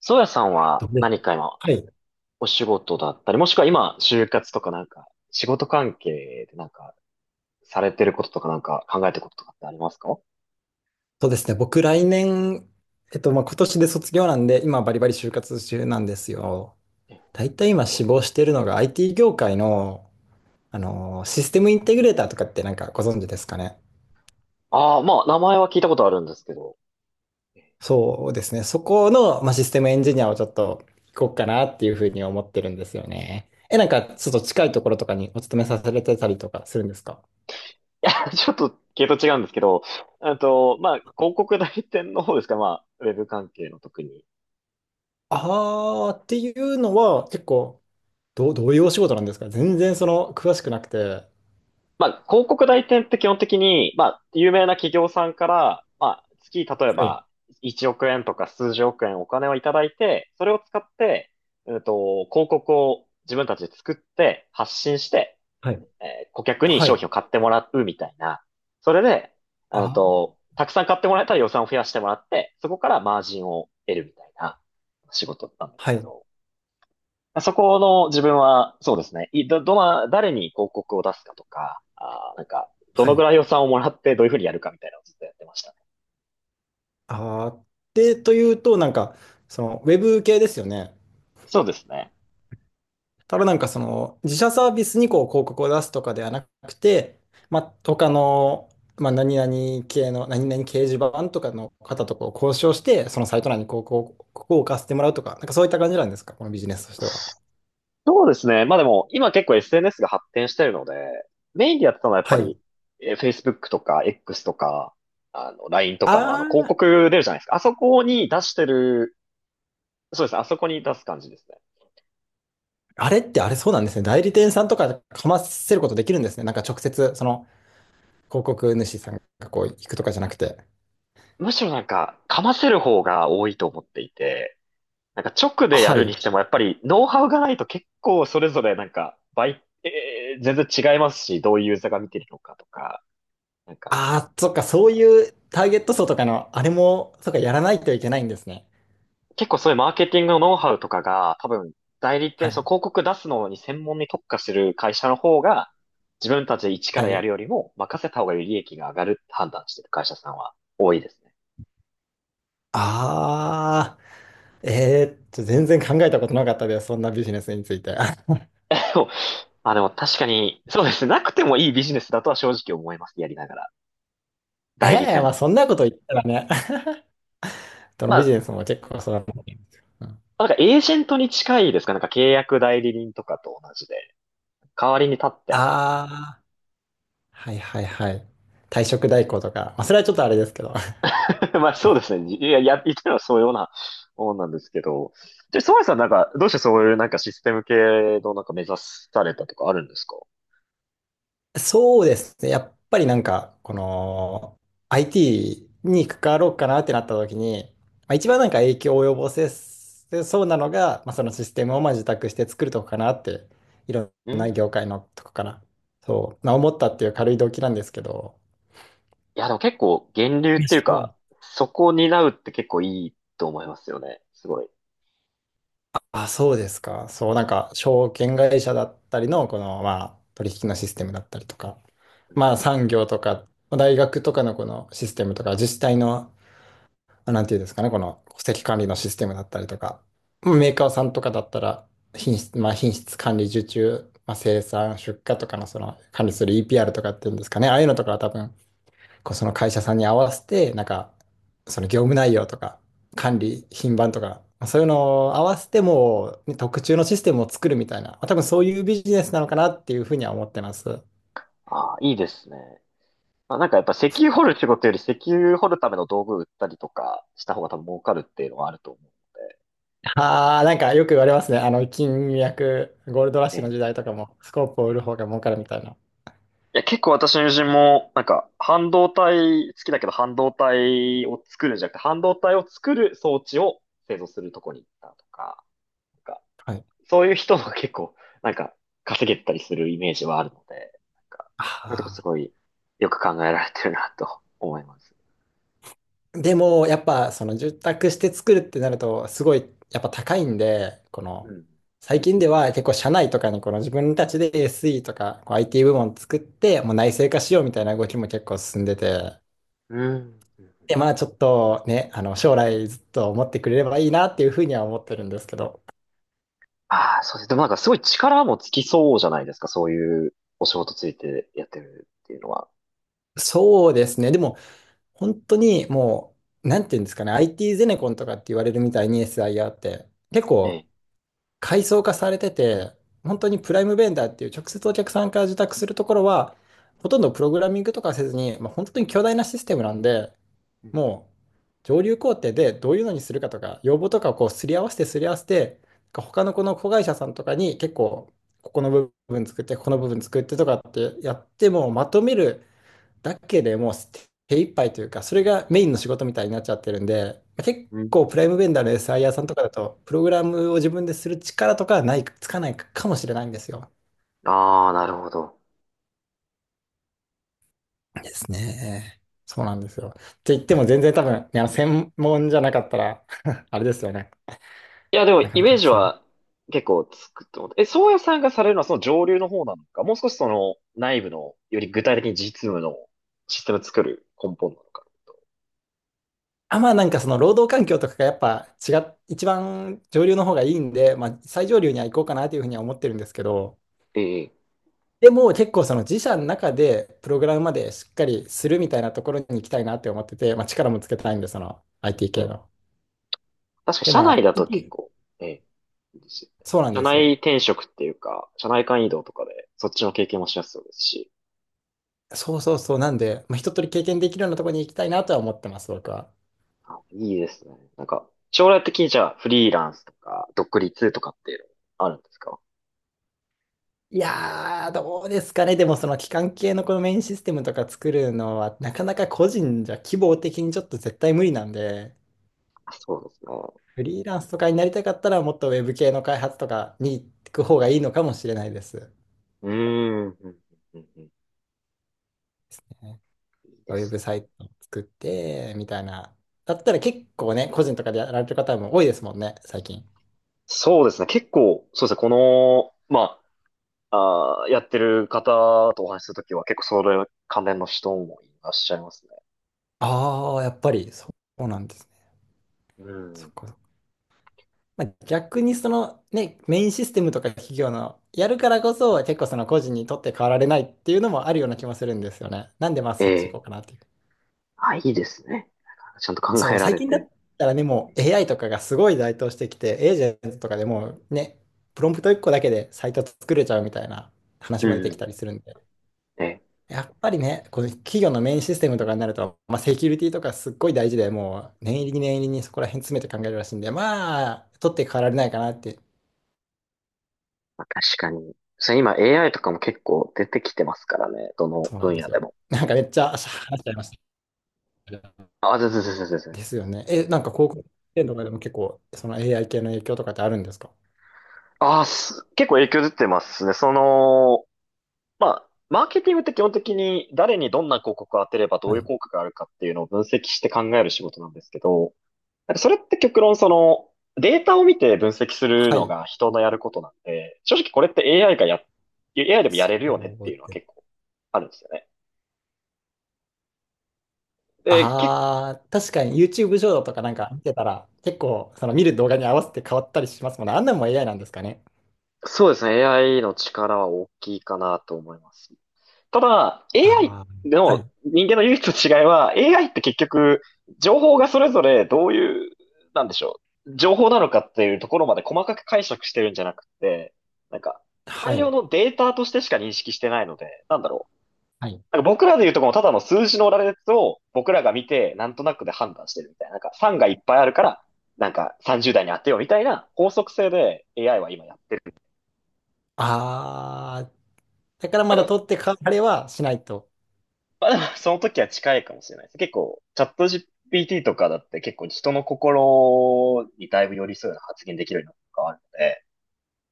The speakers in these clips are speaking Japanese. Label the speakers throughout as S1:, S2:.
S1: 宗谷さんは
S2: とね
S1: 何か今
S2: はい。
S1: お仕事だったり、もしくは今就活とかなんか仕事関係でなんかされてることとかなんか考えてることとかってありますか？
S2: そうですね。僕、来年、まあ、今年で卒業なんで、今、バリバリ就活中なんですよ。大体今、志望してるのが IT 業界の、システムインテグレーターとかってなんかご存知ですかね？
S1: ああー、まあ名前は聞いたことあるんですけど。
S2: そうですね。そこの、まあ、システムエンジニアをちょっと行こうかなっていうふうに思ってるんですよね。なんか、ちょっと近いところとかにお勤めさせてたりとかするんですか？
S1: いや、ちょっと系統違うんですけど、まあ広告代理店の方ですか、まあウェブ関係の特に。
S2: あーっていうのは、結構、どういうお仕事なんですか？全然その、詳しくなくて。は
S1: まあ、広告代理店って基本的に、まあ、有名な企業さんから、まあ、月、例え
S2: い。
S1: ば、1億円とか数十億円お金をいただいて、それを使って、広告を自分たちで作って発信して、
S2: はい
S1: 顧客に
S2: は
S1: 商品を
S2: い。
S1: 買ってもらうみたいな。それで、
S2: あ、
S1: たくさん買ってもらえたら予算を増やしてもらって、そこからマージンを得るみたいな仕事だったんです
S2: は
S1: け
S2: い。
S1: ど。そこの自分は、そうですね。いど、どな、誰に広告を出すかとか、ど
S2: は
S1: のぐ
S2: い。
S1: らい予算をもらってどういうふうにやるかみたいなのをずっとやってましたね。
S2: あーで、というと、なんか、その、ウェブ系ですよね。
S1: そうですね。
S2: ただなんか、その、自社サービスにこう、広告を出すとかではなくて、まあ、他の、まあ、何々系の、何々掲示板とかの方とこう交渉して、そのサイト内にこう、ここを置かせてもらうとか、なんかそういった感じなんですか、このビジネスとしては。
S1: そうですね。まあでも、今結構 SNS が発展してるので、メインでやってたのはやっぱ
S2: は
S1: り、
S2: い。
S1: Facebook とか X とか、あの、LINE とかのあの、
S2: あ
S1: 広
S2: あ、
S1: 告出るじゃないですか。あそこに出してる、そうですね。あそこに出す感じですね。
S2: あれってあれそうなんですね。代理店さんとかかませることできるんですね。なんか直接、その、広告主さんがこう、行くとかじゃなくて。
S1: むしろなんか、かませる方が多いと思っていて、なんか直でや
S2: は
S1: るに
S2: い。
S1: しても、やっぱりノウハウがないと結構それぞれなんか倍、全然違いますし、どういうユーザーが見てるのかとか、なんか
S2: ああ、そっか、そういうターゲット層とかの、あれも、そっか、やらないといけないんですね。
S1: 結構そういうマーケティングのノウハウとかが多分代理
S2: は
S1: 店、その
S2: い。
S1: 広告出すのに専門に特化してる会社の方が自分たちで一か
S2: は
S1: らやる
S2: い。
S1: よりも任せた方がより利益が上がるって判断してる会社さんは多いですね。
S2: ああ、全然考えたことなかったです。そんなビジネスについて。
S1: でもまあでも確かに、そうですね。なくてもいいビジネスだとは正直思います。やりながら。
S2: え
S1: 代理
S2: え
S1: 店っ
S2: まあ、
S1: て。
S2: そんなこと言ったらね、どの
S1: ま
S2: ビジ
S1: あ、
S2: ネスも結構そうだと思んですよ。うん。
S1: なんかエージェントに近いですか、なんか契約代理人とかと同じで、代わりに立ってあげる。
S2: ああ、はいはいはい。退職代行とか、まあ、それはちょっとあれですけど。
S1: まあそうですね。言ってるのはそういうようなもんなんですけど。で、ソワイさんなんか、どうしてそういうなんかシステム系のなんか目指されたとかあるんですか？
S2: そうですね。やっぱりなんか、この IT に関わろうかなってなった時に、まあ、一番なんか影響を及ぼせそうなのが、まあ、そのシステムをまあ受託して作るとこかなって、いろ
S1: う
S2: んな業
S1: ん。
S2: 界のとこかな。そう、まあ、思ったっていう軽い動機なんですけど、
S1: いや、でも結構源流っていうか、そこを担うって結構いいと思いますよね。すごい。
S2: あ、そうですか。そう、なんか証券会社だったりの、このまあ取引のシステムだったりとか、
S1: うん。
S2: まあ産業とか、まあ大学とかのこのシステムとか、自治体のなんていうんですかね、この戸籍管理のシステムだったりとか、メーカーさんとかだったら、品質、まあ、品質管理受注、まあ、生産、出荷とかのその管理する EPR とかっていうんですかね、ああいうのとかは多分、こうその会社さんに合わせて、なんか、その業務内容とか、管理、品番とか、まあそういうのを合わせてもう、ね特注のシステムを作るみたいな、まあ多分そういうビジネスなのかなっていうふうには思ってます。
S1: ああ、いいですね。まあ、なんかやっぱ石油掘る仕事より石油掘るための道具売ったりとかした方が多分儲かるっていうのはあると思うの
S2: ああ、なんかよく言われますね。金脈、ゴールドラッシュの
S1: で。
S2: 時代とかも、スコープを売る
S1: ね。
S2: 方が儲かるみたいな。
S1: いや、結構私の友人も、なんか、半導体好きだけど、半導体を作るんじゃなくて、半導体を作る装置を製造するとこに行ったとか、なんか、
S2: はい。
S1: そういう人が結構、なんか、稼げたりするイメージはあるので、なんか、そういうとこ
S2: あ
S1: す
S2: あ。
S1: ごいよく考えられてるなと思います。
S2: でも、やっぱ、その、住宅して作るってなると、すごい、やっぱ高いんで、こ
S1: う
S2: の、
S1: ん。
S2: 最近では結構、社内とかに、この自分たちで SE とか、こう IT 部門作って、もう内製化しようみたいな動きも結構進んでて、
S1: うん。
S2: で、まあ、ちょっとね、将来ずっと思ってくれればいいなっていうふうには思ってるんですけど、
S1: ああ、そうです。でもなんかすごい力もつきそうじゃないですか、そういうお仕事ついてやってるっていうのは。
S2: そうですね。でも、本当にもう、なんていうんですかね、IT ゼネコンとかって言われるみたいに SIR って、結
S1: え
S2: 構、
S1: え。
S2: 階層化されてて、本当にプライムベンダーっていう直接お客さんから受託するところは、ほとんどプログラミングとかせずに、まあ、本当に巨大なシステムなんで、もう上流工程でどういうのにするかとか、要望とかをこうすり合わせてすり合わせて、他のこの子会社さんとかに結構、ここの部分作って、ここの部分作ってとかってやってもまとめるだけでもう手一杯というか、それがメインの仕事みたいになっちゃってるんで、結
S1: う
S2: 構
S1: ん。
S2: プライムベンダーの SIR さんとかだと、プログラムを自分でする力とかはない、つかないかもしれないんですよ。
S1: ああ、なるほど。
S2: ですね。そうなんですよ。って言っても全然多分、ね、専門じゃなかったら あれですよね。
S1: いや、でも、
S2: なか
S1: イ
S2: な
S1: メー
S2: か
S1: ジ
S2: 伝わる。
S1: は結構つくと思う。え、宗谷さんがされるのはその上流の方なのか、もう少しその内部の、より具体的に実務のシステムを作る根本なのか。
S2: あ、まあなんかその労働環境とかがやっぱ一番上流の方がいいんで、まあ最上流には行こうかなというふうには思ってるんですけど、
S1: ええ。
S2: でも結構その自社の中でプログラムまでしっかりするみたいなところに行きたいなって思ってて、まあ、力もつけたいんで、その IT
S1: う
S2: 系
S1: ん。
S2: の。
S1: 確か
S2: で、
S1: 社
S2: ま
S1: 内
S2: あ、
S1: だ
S2: い
S1: と結構、ええ、いいですよね。
S2: そうなん
S1: 社
S2: です
S1: 内
S2: よ。
S1: 転職っていうか、社内間移動とかで、そっちの経験もしやすそうですし。
S2: そうそうそう。なんで、まあ、一通り経験できるようなところに行きたいなとは思ってます、僕は。
S1: あ、いいですね。なんか、将来的にじゃあ、フリーランスとか、独立とかっていうのあるんですか？
S2: いやー、どうですかね。でもその機関系のこのメインシステムとか作るのは、なかなか個人じゃ規模的にちょっと絶対無理なんで、
S1: あ、そうですね。
S2: フリーランスとかになりたかったら、もっとウェブ系の開発とかに行く方がいいのかもしれないです。
S1: うーん。うんうん。うんうん。
S2: え
S1: いいで
S2: ウェ
S1: す
S2: ブ
S1: ね。
S2: サイトを作って、みたいな。だったら結構ね、個人とかでやられてる方も多いですもんね、最近。
S1: そうですね。結構、そうですね。この、まあ、あーやってる方とお話しするときは結構それ関連の人もいらっしゃいますね。
S2: ああ、やっぱりそうなんですね。
S1: う
S2: そっ
S1: ん。
S2: かそっか。まあ、逆にそのね、メインシステムとか企業のやるからこそ、結構その個人にとって変わられないっていうのもあるような気もするんですよね。なんでまあ
S1: え
S2: そっち行こ
S1: え。
S2: うかなっていう。
S1: あ、いいですね。ちゃんと考
S2: そ
S1: え
S2: う、
S1: ら
S2: 最
S1: れ
S2: 近だ
S1: て。
S2: ったらね、もう AI とかがすごい台頭してきて、エージェントとかでもうね、プロンプト1個だけでサイト作れちゃうみたいな
S1: う
S2: 話も出てきた
S1: ん。
S2: りするんで。
S1: ええ。
S2: やっぱりね、この企業のメインシステムとかになると、まあ、セキュリティとかすっごい大事で、もう念入りに念入りにそこら辺詰めて考えるらしいんで、まあ、取って代わられないかなって、
S1: まあ、確かに。それ今 AI とかも結構出てきてますからね。どの
S2: そうなん
S1: 分
S2: で
S1: 野
S2: す
S1: で
S2: よ。
S1: も。
S2: なんかめっちゃ話しちゃいました。
S1: あ、全然全然全然。
S2: ですよね。なんか広告店とかでも結構、その AI 系の影響とかってあるんですか？
S1: ああ、結構影響出てますね。その、まあ、マーケティングって基本的に誰にどんな広告を当てればど
S2: は
S1: ういう
S2: い。
S1: 効果があるかっていうのを分析して考える仕事なんですけど、なんかそれって極論そのデータを見て分析する
S2: は
S1: の
S2: い。
S1: が人のやることなんで、正直これって AI がや、AI でもや
S2: そ
S1: れるよねって
S2: う
S1: いうのは
S2: で
S1: 結
S2: す。
S1: 構あるんですよね。で、け、
S2: ああ、確かに YouTube 上とかなんか見てたら、結構、その見る動画に合わせて変わったりしますもんね。あんなんも AI なんですかね。
S1: そうですね。AI の力は大きいかなと思います。ただ、AI
S2: ああ、は
S1: の
S2: い。
S1: 人間の唯一の違いは、AI って結局、情報がそれぞれどういう、なんでしょう、情報なのかっていうところまで細かく解釈してるんじゃなくて、なんか、
S2: は
S1: 大量
S2: い。
S1: のデータとしてしか認識してないので、なんだろう。
S2: はい。
S1: なんか僕らで言うとこのただの数字の羅列を僕らが見て、なんとなくで判断してるみたいな。なんか3がいっぱいあるから、なんか30代に当てようみたいな法則性で AI は今やってる。
S2: ああ、だから
S1: まあ、
S2: ま
S1: で
S2: だ
S1: も
S2: 取ってか、あれはしないと。
S1: まあでも、その時は近いかもしれないです。結構、チャット GPT とかだって結構人の心にだいぶ寄り添うような発言できるようになったとかあるので、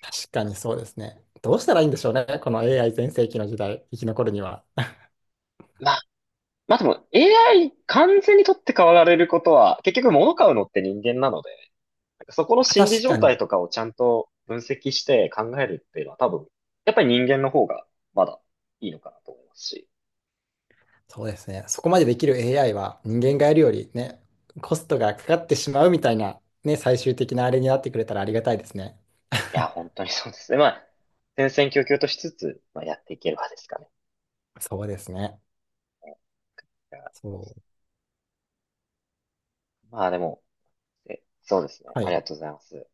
S2: 確かにそうですね。どうしたらいいんでしょうね。この AI 全盛期の時代、生き残るには。ま
S1: まあ、まあでも AI 完全に取って代わられることは、結局物買うのって人間なので、なんかそこの
S2: あ
S1: 心理
S2: 確か
S1: 状態
S2: に。
S1: とかをちゃんと分析して考えるっていうのは多分、やっぱり人間の方がまだいいのかなと思いますし。
S2: そうですね。そこまでできる AI は人間がやるよりね、コストがかかってしまうみたいな、ね、最終的なあれになってくれたらありがたいですね。
S1: いや、本当にそうですね。まあ、戦々恐々としつつ、まあ、やっていければですかね。
S2: そうですね。
S1: だから
S2: そう。
S1: まあでも、そうですね。
S2: は
S1: あり
S2: い。
S1: がとうございます。